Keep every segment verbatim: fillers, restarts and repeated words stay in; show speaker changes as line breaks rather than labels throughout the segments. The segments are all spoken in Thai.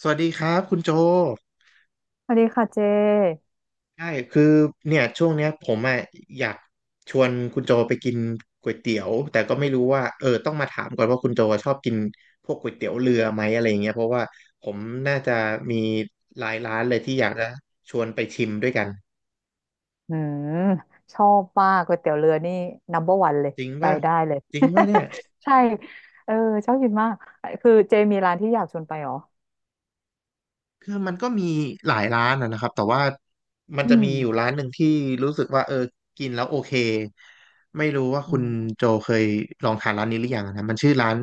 สวัสดีครับคุณโจ
สวัสดีค่ะเจ
ใช่คือเนี่ยช่วงเนี้ยผมอ่ะอยากชวนคุณโจไปกินก๋วยเตี๋ยว แต่ก็ไม่รู้ว่าเออต้องมาถามก่อนว่าคุณโจชอบกินพวกก๋วยเตี๋ยวเรือไหม อะไรเงี้ยเพราะว่าผมน่าจะมีหลายร้านเลยที่อยากจะชวนไปชิมด้วยกัน
อืมชอบมากก๋วยเตี๋ยวเรือนี่ นัมเบอร์วัน เบอร์วันเลย
จริง
ไป
ป่ะ
ได้เลย
จริงป่ะเนี่ย
ใช่เออชอบกินมาก คือเจมีร้านที่อยากชวนไปเหรอ
คือมันก็มีหลายร้านนะนะครับแต่ว่ามันจะ
อืม
มีอยู่ร้านหนึ่งที่รู้สึกว่าเออกินแล้วโอเคไม่รู้ว่า
อื
คุณ
ม
โจเคยลองทานร้านนี้หรือยังนะมันชื่อร้าน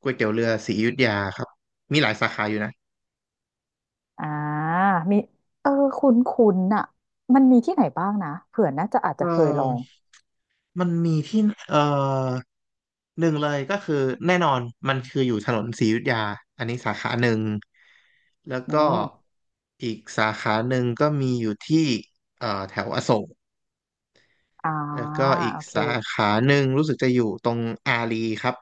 ก๋วยเตี๋ยวเรือศรีอยุธยาครับมีหลายสาขาอยู่นะ
อ่ามีเออคุ้นคุ้นอะมันมีที่ไหนบ้างนะเผื่อน่าจะอาจ
เอ
จะเคยลอง
อมันมีที่เออหนึ่งเลยก็คือแน่นอนมันคืออยู่ถนนศรีอยุธยาอันนี้สาขาหนึ่งแล้ว
อื
ก็
ม
อีกสาขาหนึ่งก็มีอยู่ที่เอ่อแถวอโศก
อ่า
แล้วก็อีก
โอเค
สาขาหนึ่งรู้สึกจะอยู่ตรงอารีครับ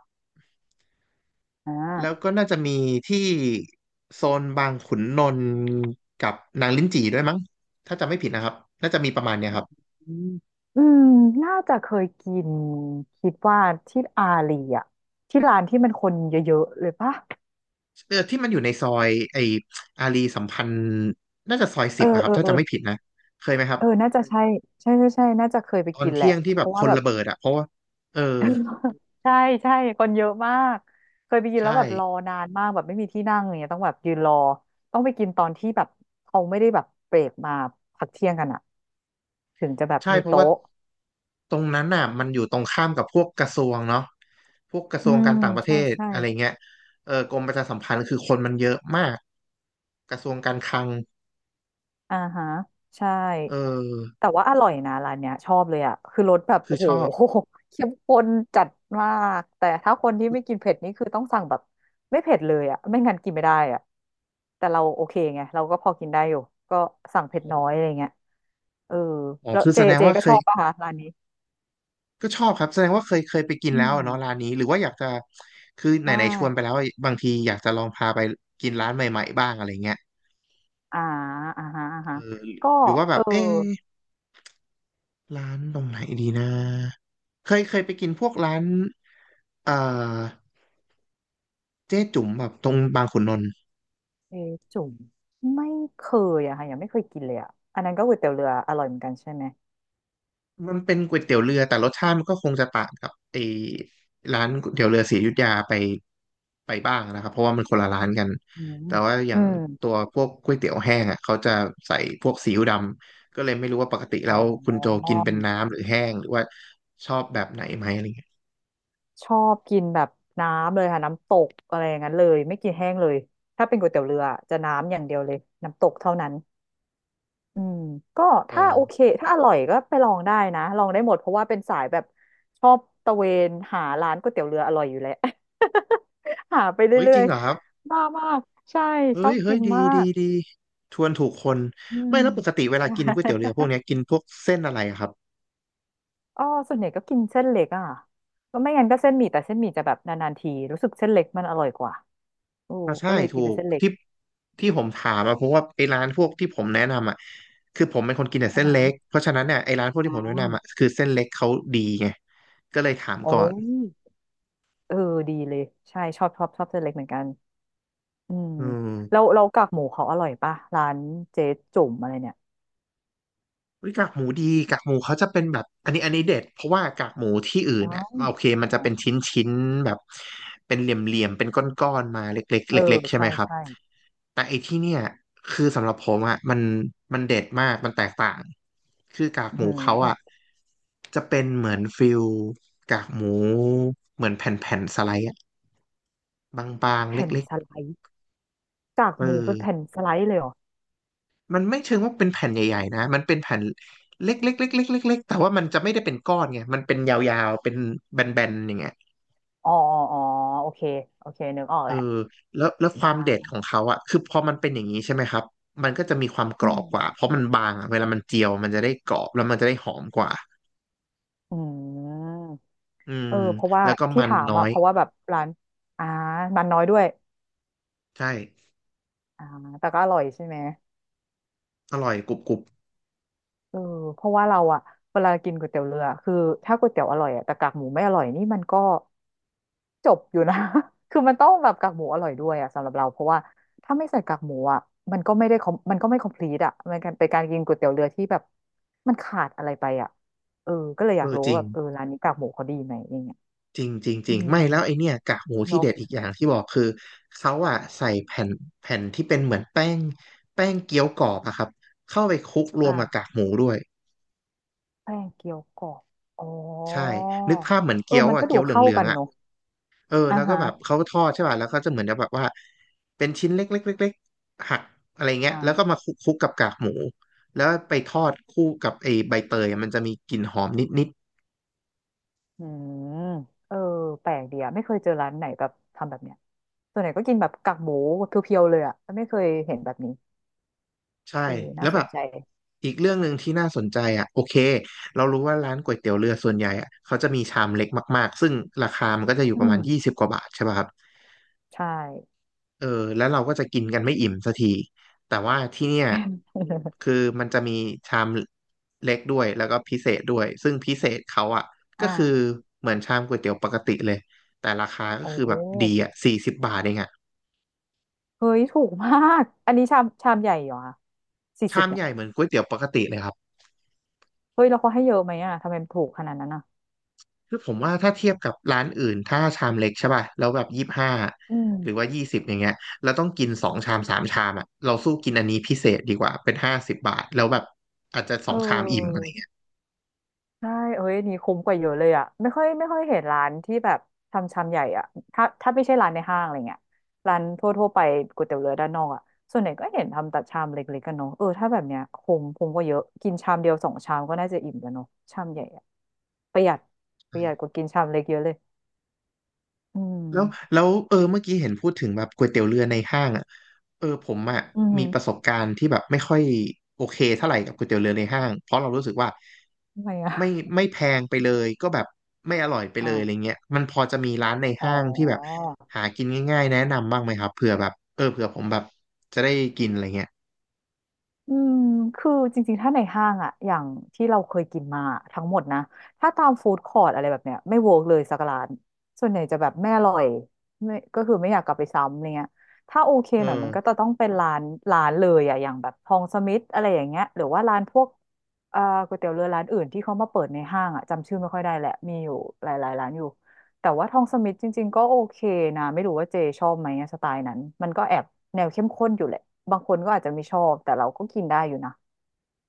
อ่
แล้ว
า
ก็น่าจะมีที่โซนบางขุนนนท์กับนางลิ้นจี่ด้วยมั้งถ้าจำไม่ผิดนะครับน่าจะมีประมาณเนี้ยครับ
อืมอืมน่าจะเคยกินคิดว่าที่อารีอะที่ร้านที่มันคนเยอะๆเลยปะ
เออที่มันอยู่ในซอยไออารีสัมพันธ์น่าจะซอย
เอ
สิ
อ
บอะครั
เอ
บ
อ
ถ้า
เออ
จำไม่ผิดนะเคยไหมครับ
เออ น่าจะใช่ใช่ใช่ใช่ น่าจะเคยไป
ตอน
กินแห
เที่
ละ
ยงที่
เพ
แบบ
ราะ
ค
ว่า
น
แบบ
ระเบิดอะเพราะว่าเออ
ใช่ใช่คนเยอะมาก เคยไปกิน
ใช่
แล้วแบบรอนานมากแบบไม่มีที่นั่งอย่างเงี้ยต้องแบบยืนรอต้องไปกินตอนที่แบบเขาไม่ได้แบบเบรกมาพักเที่ยงกันอะถึงจะแบบ
ใช่
มี
เพราะว่า
โต๊ะ
ตรงนั้นน่ะมันอยู่ตรงข้ามกับพวกกระทรวงเนาะพวกกระท
อื
รวง
ม
การต่างประเท
ใช่
ศ
ใช่
อะไรเงี้ยเออกรมประชาสัมพันธ์คือคนมันเยอะมากกระทรวงการคลัง
อ่าฮะใช่
เออ
แต่ว่าอร่อยนะร้านเนี้ยชอบเลยอ่ะคือรสแบบ
คื
โอ้
อ
โห
ชอบ
เข้มข้นจัดมากแต่ถ้าคนที่ไม่กินเผ็ดนี่คือต้องสั่งแบบไม่เผ็ดเลยอ่ะไม่งั้นกินไม่ได้อ่ะแต่เราโอเคไงเราก็พอกินได้อยู่ก็สั่งเผ็ดน้อยอะไรเงี้ยเออ
อ๋อ
แล้ว
คือ
เจ
แสดง
เจ
ว่า
ก็
เค
ชอ
ย
บป่ะคะร้านนี้
ก็ชอบครับแสดงว่าเคยเคยไปกิน
อื
แล้ว
ม
อะเนาะร้านนี้หรือว่าอยากจะคือไห
ใช่
นๆชวนไปแล้วอะบางทีอยากจะลองพาไปกินร้านใหม่ๆบ้างอะไรเงี้ย
อ่าอ่าฮะอ่า
เอ
ฮะ
อ
ก็
หรือว่าแบ
เอ
บ
อ
เอ๊ะร้านตรงไหนดีนะเคยเคยไปกินพวกร้านเอ่อ เจ๊จุ๋มแบบตรงบางขุนนนท์
เอจุ่มไม่เคยอะค่ะยังไม่เคยกินเลยอะอันนั้นก็ก๋วยเตี๋ยวเรืออร่อยเหมือนกันใช่ไหม
มันเป็นก๋วยเตี๋ยวเรือแต่รสชาติมันก็คงจะต่างกับไอ้ร้านก๋วยเตี๋ยวเรือศรีอยุธยาไปไปบ้างนะครับเพราะว่ามันคนละร้านกัน
อืม
แต่ว่าอ
อื
ย่าง
ม
ตัวพวกก๋วยเตี๋ยวแห้งอ่ะเขาจะใส่พวกซีอิ๊วดำก็เลยไม่รู้ว่าปกติ
อ๋
แล้วคุณโจ
อ
กินเป็นน้ำหรือแห้งหรือว่าชอบแบบไหนไหมอะไรเงี้ย
ชอบกินแบบน้ำเลยค่ะน้ำตกอะไรอย่างนั้นเลยไม่กินแห้งเลยถ้าเป็นก๋วยเตี๋ยวเรือจะน้ำอย่างเดียวเลยน้ำตกเท่านั้นอืมก็
อ๋
ถ้าโอ
อ
เคถ้าอร่อยก็ไปลองได้นะลองได้หมดเพราะว่าเป็นสายแบบชอบตะเวนหาร้านก๋วยเตี๋ยวเรืออร่อยอยู่แล้ว หาไป
เฮ้ย
เรื่
จ
อ
ริง
ย
เหรอครับ
ๆบ้ามากใช่
เฮ้
ชอ
ย
บ
เฮ้
กิ
ย
น
ดี
มา
ดี
ก
ดีชวนถูกคน
อืม
ไม่แล้วปกติเวลา
ใช่
กินก๋วยเตี๋ยวเรือพวกเนี้ยกินพวกเส้นอะไรอะครับ
อ๋อส่วนใหญ่ก็กินเส้นเล็กอ่ะก็ไม่งั้นก็เส้นหมี่แต่เส้นหมี่จะแบบนานๆทีรู้สึกเส้นเล็กมันอร่อยกว่าโอ้
อ่าใช่
ก็เลย
ถู
กินเป็น
ก
เส้นเล็ก
ที่ที่ผมถามอะเพราะว่าไอ้ร้านพวกที่ผมแนะนำอะคือผมเป็นคนกินแต่
อ่า
เส้น
ฮะ
เล็กเพราะฉะนั้นเนี่ยไอ้ร้านพวก
อ๋อ
ที่ผมแนะนำอะคือเส้นเล็กเขาดีไงก็เลยถาม
โอ
ก่อน
้เออดีเลยใช่ชอบชอบชอบเส้นเล็กเหมือนกันอืม
อื
แล้
ม
วเรากากหมูเขาอร่อยป่ะร้านเจ๊จุ่มอะไรเนี่ย
เฮ้ยกากหมูดีกากหมูเขาจะเป็นแบบอันนี้อันนี้เด็ดเพราะว่ากากหมูที่อื่
อ๋อ
นอะโอเค
ใช่
มัน
ไหม
จะเป็นชิ้นชิ้นแบบเป็นเหลี่ยมเหลี่ยมเป็นก้อนๆมาเล็กๆ
เออ
เล็กๆใช่ไห
ใช่
มครับ
ใช่
แต่ไอ้ที่เนี่ยคือสำหรับผมอ่ะมันมันเด็ดมากมันแตกต่างคือกาก
อื
หมูเขาอ่ะ
ม
จะเป็นเหมือนฟิลกากหมูเหมือนแผ่นแผ่นสไลด์อ่ะบางๆ
แผ่น
เล็ก
สไลด์กาก
ๆเออ
หมูเป็นแผ่นสไลด์เลยเหรอ
มันไม่เชิงว่าเป็นแผ่นใหญ่ๆนะมันเป็นแผ่นเล็กๆเล็กๆเล็กๆแต่ว่ามันจะไม่ได้เป็นก้อนไงมันเป็นยาวๆเป็นแบนๆอย่างเงี้ย
อ๋ออ๋ออ๋อโอเคโอเคนึกออก
เอ
แหละ
อแล้วแล้วค
อ่
วามเด็ด
า
ของเขาอ่ะคือพอมันเป็นอย่างนี้ใช่ไหมครับมันก็จะมีความก
อื
รอ
ม
บกว่าเพราะมันบางอะเวลามันเจียวมันจะได้กรอบแล้วมันจะได้หอมกว่า
อืม
อืม
เออเพราะว่า
แล้วก็
ที่
มัน
ถาม
น้อ
อ่ะ
ย
เพราะว่าแบบร้านอ่ามันน้อยด้วย
ใช่
อ่าแต่ก็อร่อยใช่ไหม
อร่อยกรุบกรุบ
เออเพราะว่าเราอ่ะเวลากินก๋วยเตี๋ยวเรือคือถ้าก๋วยเตี๋ยวอร่อยอ่ะแต่กากหมูไม่อร่อยนี่มันก็จบอยู่นะ คือมันต้องแบบกากหมูอร่อยด้วยอ่ะสำหรับเราเพราะว่าถ้าไม่ใส่กากหมูอ่ะมันก็ไม่ได้ com- มันก็ไม่ complete อ่ะมันเป็นการกินก๋วยเตี๋ยวเรือที่แบบมันขาดอะไรไปอ่ะเออก็เลยอ
เอ
ยาก
อ
รู้
จริ
ว่า
ง
แบบเออร้านนี้กากหมูเขาดีไหมอย่างเงี้ย
จริงจริงจ
อื
ริง
ม
ไม่แล้วไอเนี่ยกากหมูที่
เนาะ
เด็ดอีกอย่างที่บอกคือเขาอะใส่แผ่นแผ่นที่เป็นเหมือนแป้งแป้งเกี๊ยวกรอบอะครับเข้าไปคลุกรวมกับกา
อ่า
กหมูด้วย
แป้งเกี๊ยวกรอบอ๋อ
ใช่นึกภาพเหมือน
เออ
เกี๊ยว
มัน
อะ
ก็ดู
เกี๊ยวเห
เข้า
ลือ
กั
ง
น
ๆอะ
เนอะ
เออ
อ่า
แล้วก็
ฮะ
แบบเขาทอดใช่ป่ะแล้วก็จะเหมือนแบบว่าเป็นชิ้นเล็กๆๆๆหักอะไรเงี้ยแล้วก็
อ่า
มาคลุกคลุกกับกากหมูแล้วไปทอดคู่กับไอใบเตยอะมันจะมีกลิ่นหอมนิดๆ
อืมเออแปลกดีอะไม่เคยเจอร้านไหนแบบทำแบบเนี้ยส่วนใหญ่ก็กินแบบกากหมูเพียวๆเลยอะไม่เคยเห็นแบบนี้
ใช่
เออ
แล้
น่า
ว
ส
แบ
น
บ
ใจ
อีกเรื่องหนึ่งที่น่าสนใจอ่ะโอเคเรารู้ว่าร้านก๋วยเตี๋ยวเรือส่วนใหญ่อ่ะเขาจะมีชามเล็กมากๆซึ่งราคามันก็จะอยู่
อื
ประมาณยี่
ม
สิบกว่าบาทใช่ป่ะครับ
ใช่
เออแล้วเราก็จะกินกันไม่อิ่มสักทีแต่ว่าที่เนี่ยคือ มันจะมีชามเล็กด้วยแล้วก็พิเศษด้วยซึ่งพิเศษเขาอ่ะก็คือ
อ่า
เหมือนชามก๋วยเตี๋ยวปกติเลยแต่ราคาก็
โอ
คือแบบดี
้
อ่ะสี่สิบบาทเองอ่ะ
เฮ้ยถูกมากอันนี้ชามชามใหญ่เหรอคะสี่สิ
ชา
บ
ม
เนี่
ให
ย
ญ่เหมือนก๋วยเตี๋ยวปกติเลยครับ
เฮ้ยแล้วเขาให้เยอะไหมอะทำไมมันถูกขนาดนั้นอะ
คือผมว่าถ้าเทียบกับร้านอื่นถ้าชามเล็กใช่ป่ะแล้วแบบยี่สิบห้า
อื
หรือ
ม
ว่ายี่สิบอย่างเงี้ยเราต้องกินสองชามสามชามอ่ะเราสู้กินอันนี้พิเศษดีกว่าเป็นห้าสิบบาทแล้วแบบอาจจะส
เอ
องชามอิ่มอะไร
อ
เงี้ย
ใช่เอ้ยอันนี่คุ้มกว่าเยอะเลยอ่ะไม่ค่อยไม่ค่อยเห็นร้านที่แบบทำชามใหญ่อ่ะถ้าถ้าไม่ใช่ร้านในห้างอะไรเงี้ยร้านทั่วทั่วไปก๋วยเตี๋ยวเรือด้านนอกอ่ะส่วนใหญ่ก็เห็นทำแต่ชามเล็กๆกันเนาะเออถ้าแบบเนี้ยคุ้มคุ้มกว่าเยอะ กินชามเดียวสองชามก็น่าจะอิ่มแล้วเนาะชามใหญ่อ่ะประหยัดประหยัดกว่ากินชามเล็กเยอะเลยอื
แล้ว
ม
แล้วเออเมื่อกี้เห็นพูดถึงแบบก๋วยเตี๋ยวเรือในห้างอ่ะเออผมอ่ะ
อื
มีประส
ม
บการณ์ที่แบบไม่ค่อยโอเคเท่าไหร่กับก๋วยเตี๋ยวเรือในห้างเพราะเรารู้สึกว่า
ทำไมอ่ะ
ไม่ไม่แพงไปเลยก็แบบไม่อร่อยไปเลยอะไร
อ่า
เงี้ยมันพอจะมีร้านใน
อ๋อ
ห้างที่แบบหากินง่ายๆแนะนำบ้างไหมครับเผื่อแบบเออเผื่อผมแบบจะได้กินอะไรเงี้ย
อืม คือจริงๆ ถ้าในห้างอะอย่างที่เราเคยกินมาทั้งหมดนะ ถ้าตามฟู้ดคอร์ t อะไรแบบเนี้ยไม่เวิร์กเลยสักร้านส่วนใหญ่จะแบบไม่อร่อยไม่ก็คือไม่อยากกลับไปซ้ำอะไรเงี้ยถ้าโอเค
เอ
หน่อยมันก็จะ
อ
ต้องเป็นร้านร้านเลยอะอย่างแบบทองสมิธอะไรอย่างเงี้ยหรือว่าร้านพวกเอ่อก๋วยเตี๋ยวเรือร้านอื่นที่เขามาเปิดในห้างอะจำชื่อไม่ค่อยได้แหละมีอยู่หลายๆร้านอยู่ แต่ว่าทองสมิธจริงๆก็โอเคนะไม่รู้ว่าเจชอบไหมอะสไตล์นั้นมันก็แอบแนวเข้มข้นอยู่แหละบางคนก็อาจจะไม่ชอบแต่เราก็กินได้อยู่นะ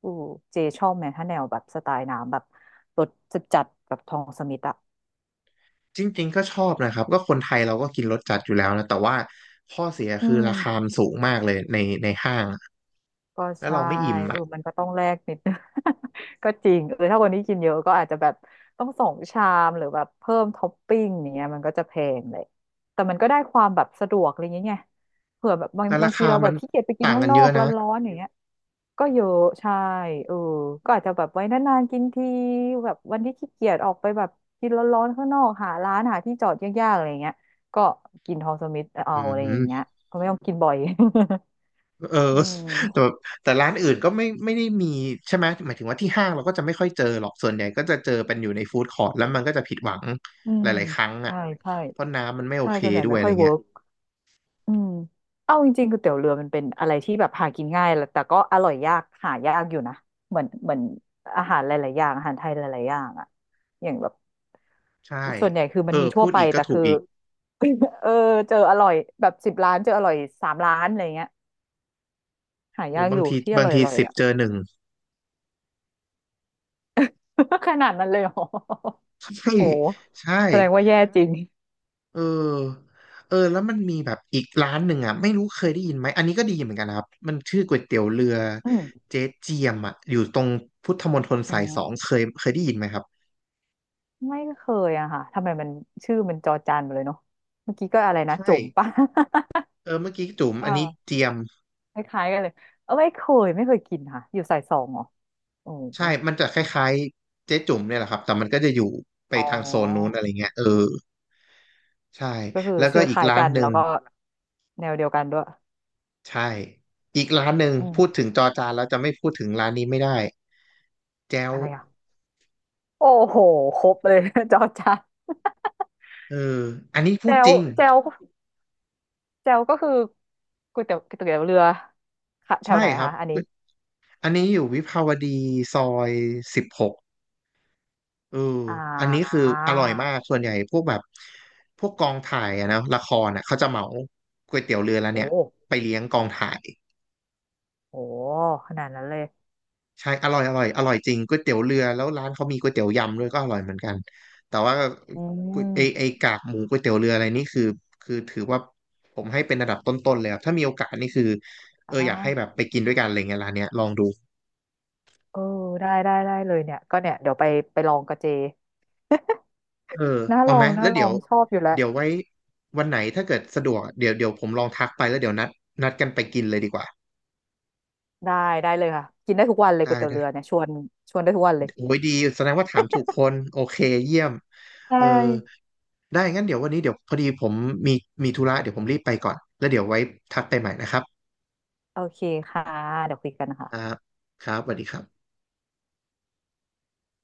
อือเจชอบไหมถ้าแนวแบบสไตล์น้ำแบบรสจัดๆแบบทองสมิธอะ
จริงๆก็ชอบนะครับก็คนไทยเราก็กินรสจัดอยู่แล้วนะแต่ว่าข้อเสีย
อื
คือราคา
ม
มันสูงมากเลยในในห้าง
ก็
แล้ว
ใช่
เราไม่อิ่ม
เอ
อะ
อมันก็ต้องแลกนิดนึง ก็จริงเออถ้าวันนี้กินเยอะก็อาจจะแบบต้องสองชามหรือแบบเพิ่มท็อปปิ้งอย่างเงี้ยมันก็จะแพงเลยแต่มันก็ได้ความแบบสะดวกอะไรอย่างเงี้ยไงเผื่อแบบบาง
แต่
บา
รา
งที
คา
เราแบ
มัน
บขี้เกียจไปกิน
ต่าง
ข้าง
กัน
น
เย
อ
อะ
กร
นะ
้อนๆอย่างเงี้ย ก็เยอะใช่เออก็อาจจะแบบไว้นานๆกินทีแบบวันที่ขี้เกียจออกไปแบบกินร้อนๆข้างนอกหาร้านหาที่จอดยากๆอะไรเงี้ยก็กินทอมสมิธเอา
อื
อะไรอย่างเงี้ย
ม
ก็ไม่ต้องกินบ่อย
เออ
อื
แต่
ม
แต่ร้านอื่นก็ไม่ไม่ได้มีใช่ไหมหมายถึงว่าที่ห้างเราก็จะไม่ค่อยเจอหรอกส่วนใหญ่ก็จะเจอเป็นอยู่ในฟู้ดคอร์ทแล้วมันก็จะผิดหวัง
อื
ห
ม
ลายๆครั้งอ่ะ
ใช่ใช่
เพราะน้ำมันไม่โอ
ใช่
เค
ส่วนใหญ่
ด้วย
ไม่
อะ
ค่
ไร
อยเวิ
เงี้ย
ร์กอืมเอาจริงๆก๋วยเตี๋ยวเรือมันเป็นอะไรที่แบบหากินง่ายแหละแต่ก็อร่อยยากหายากอยู่นะเหมือนเหมือนอาหารหลายๆอย่างอาหารไทยหลายๆอย่างอะอย่างแบบ
ใช่
ส่วนใหญ่คือ
เอ
มัน
อ
มีทั่
พู
ว
ด
ไป
อีกก็
แต่
ถูก
คือ
อีก
เออเจออร่อยแบบสิบร้านเจออร่อยสามร้านอะไรเงี้ยหา
โอ้
ยาก
บา
อ
ง
ยู่
ที
ที่อ
บาง
ร่อยอ
ที
ร่อย
สิบ
อ่ะ
เจอหนึ่ง
ขนาดนั้นเลยเหรอ
ใช่
โห
ใช่
แสดงว่าแย่จริง
เออเออแล้วมันมีแบบอีกร้านหนึ่งอ่ะไม่รู้เคยได้ยินไหมอันนี้ก็ดีเหมือนกันนะครับมันชื่อก๋วยเตี๋ยวเรือ
อืม
เจ๊เจียมอ่ะอยู่ตรงพุทธมณฑล
อื
สายสอง
ม
เคยเคยได้ยินไหมครับ
ไม่เคยอะค่ะทำไมมันชื่อมันจอจานไปเลยเนาะเมื่อกี้ก็อะไรนะ
ใช่
จุ่มป่ะ
เออเมื่อกี้จุ๋ม อั
อ่า
นนี้เจียม
คล้ายๆกันเลยเออไม่เคยไม่เคยกินค่ะอยู่สายสองเหรอโอ้โห
ใช่มันจะคล้ายๆเจ๊จุ๋มเนี่ยแหละครับแต่มันก็จะอยู่ไป
อ๋อ
ทางโซนนู้นอะไรเงี้ยเออใช่
ก็คือ
แล้วก็
ชื่อค
อีก
ล้าย
ร้า
กั
น
น
หนึ่
แล้
ง
วก็แนวเดียวกันด้วย
ใช่อีกร้านหนึ่ง
อืม
พูดถึงจอจานแล้วจะไม่พูดถึงร้านนี้ไม่ได้แจ้ว
อะไรอ่ะโอ้โหครบเลย จอจาน
เอออันนี้พู
แจ
ดจ
ว
ริง
แจว เจลก็คือก๋วยเตี๋ยวก๋วยเตี๋ยวเรือค่ะแถ
ใช่
วไหน
ครับ
คะอันนี้
อันนี้อยู่วิภาวดีซอยสิบหกเออ
อ่
อันนี้คือ
า
อร่อยมากส่วนใหญ่พวกแบบพวกกองถ่ายอะนะละครอะเขาจะเหมาก๋วยเตี๋ยวเรือแล้ว
โอ้
เนี่ยไปเลี้ยงกองถ่าย
โหขนาดนั้นเลย
ใช่อร่อยอร่อยอร่อยจริงก๋วยเตี๋ยวเรือแล้วร้านเขามีก๋วยเตี๋ยวยำด้วยก็อร่อยเหมือนกันแต่ว่า
อื
ก๋วยไอไอ
ม
กากหมูก๋วยเตี๋ยวเรืออะไรนี่คือคือถือว่าผมให้เป็นระดับต้นๆเลยครับถ้ามีโอกาสนี่คือเอ
อ้า
ออยาก
ว
ให้แบบไปกินด้วยกันอะไรเงี้ยร้านเนี้ยลองดู
เออได้ได้ได้เลยเนี่ยก็เนี่ยเดี๋ยวไปไปลองกัเจ
เออ
น่าล
เอา
อ
ไหม
งน่า
แล้ว
ล
เดี๋
อ
ยว
งชอบอยู่แล้ว
เดี๋ยวไว้วันไหนถ้าเกิดสะดวกเดี๋ยวเดี๋ยวผมลองทักไปแล้วเดี๋ยวนัดนัดกันไปกินเลยดีกว่า
ได้ได้เลยค่ะกินได้ทุกวันเลย
ได้
ก๋วยเตี๋ยว
ได้
เรือเนี่ยชวนชวนได้ทุกวันเลย
โอ้ยดีแสดงว่าถามถูกคนโอเคเยี่ยม
ใช
เออ
่
ได้งั้นเดี๋ยววันนี้เดี๋ยวพอดีผมมีมีธุระเดี๋ยวผมรีบไปก่อนแล้วเดี๋ยวไว้ทักไปใหม่นะครับ
โอเคค่ะเดี๋ยวคุยกันนะคะ
อ่าครับสวัสดีครับ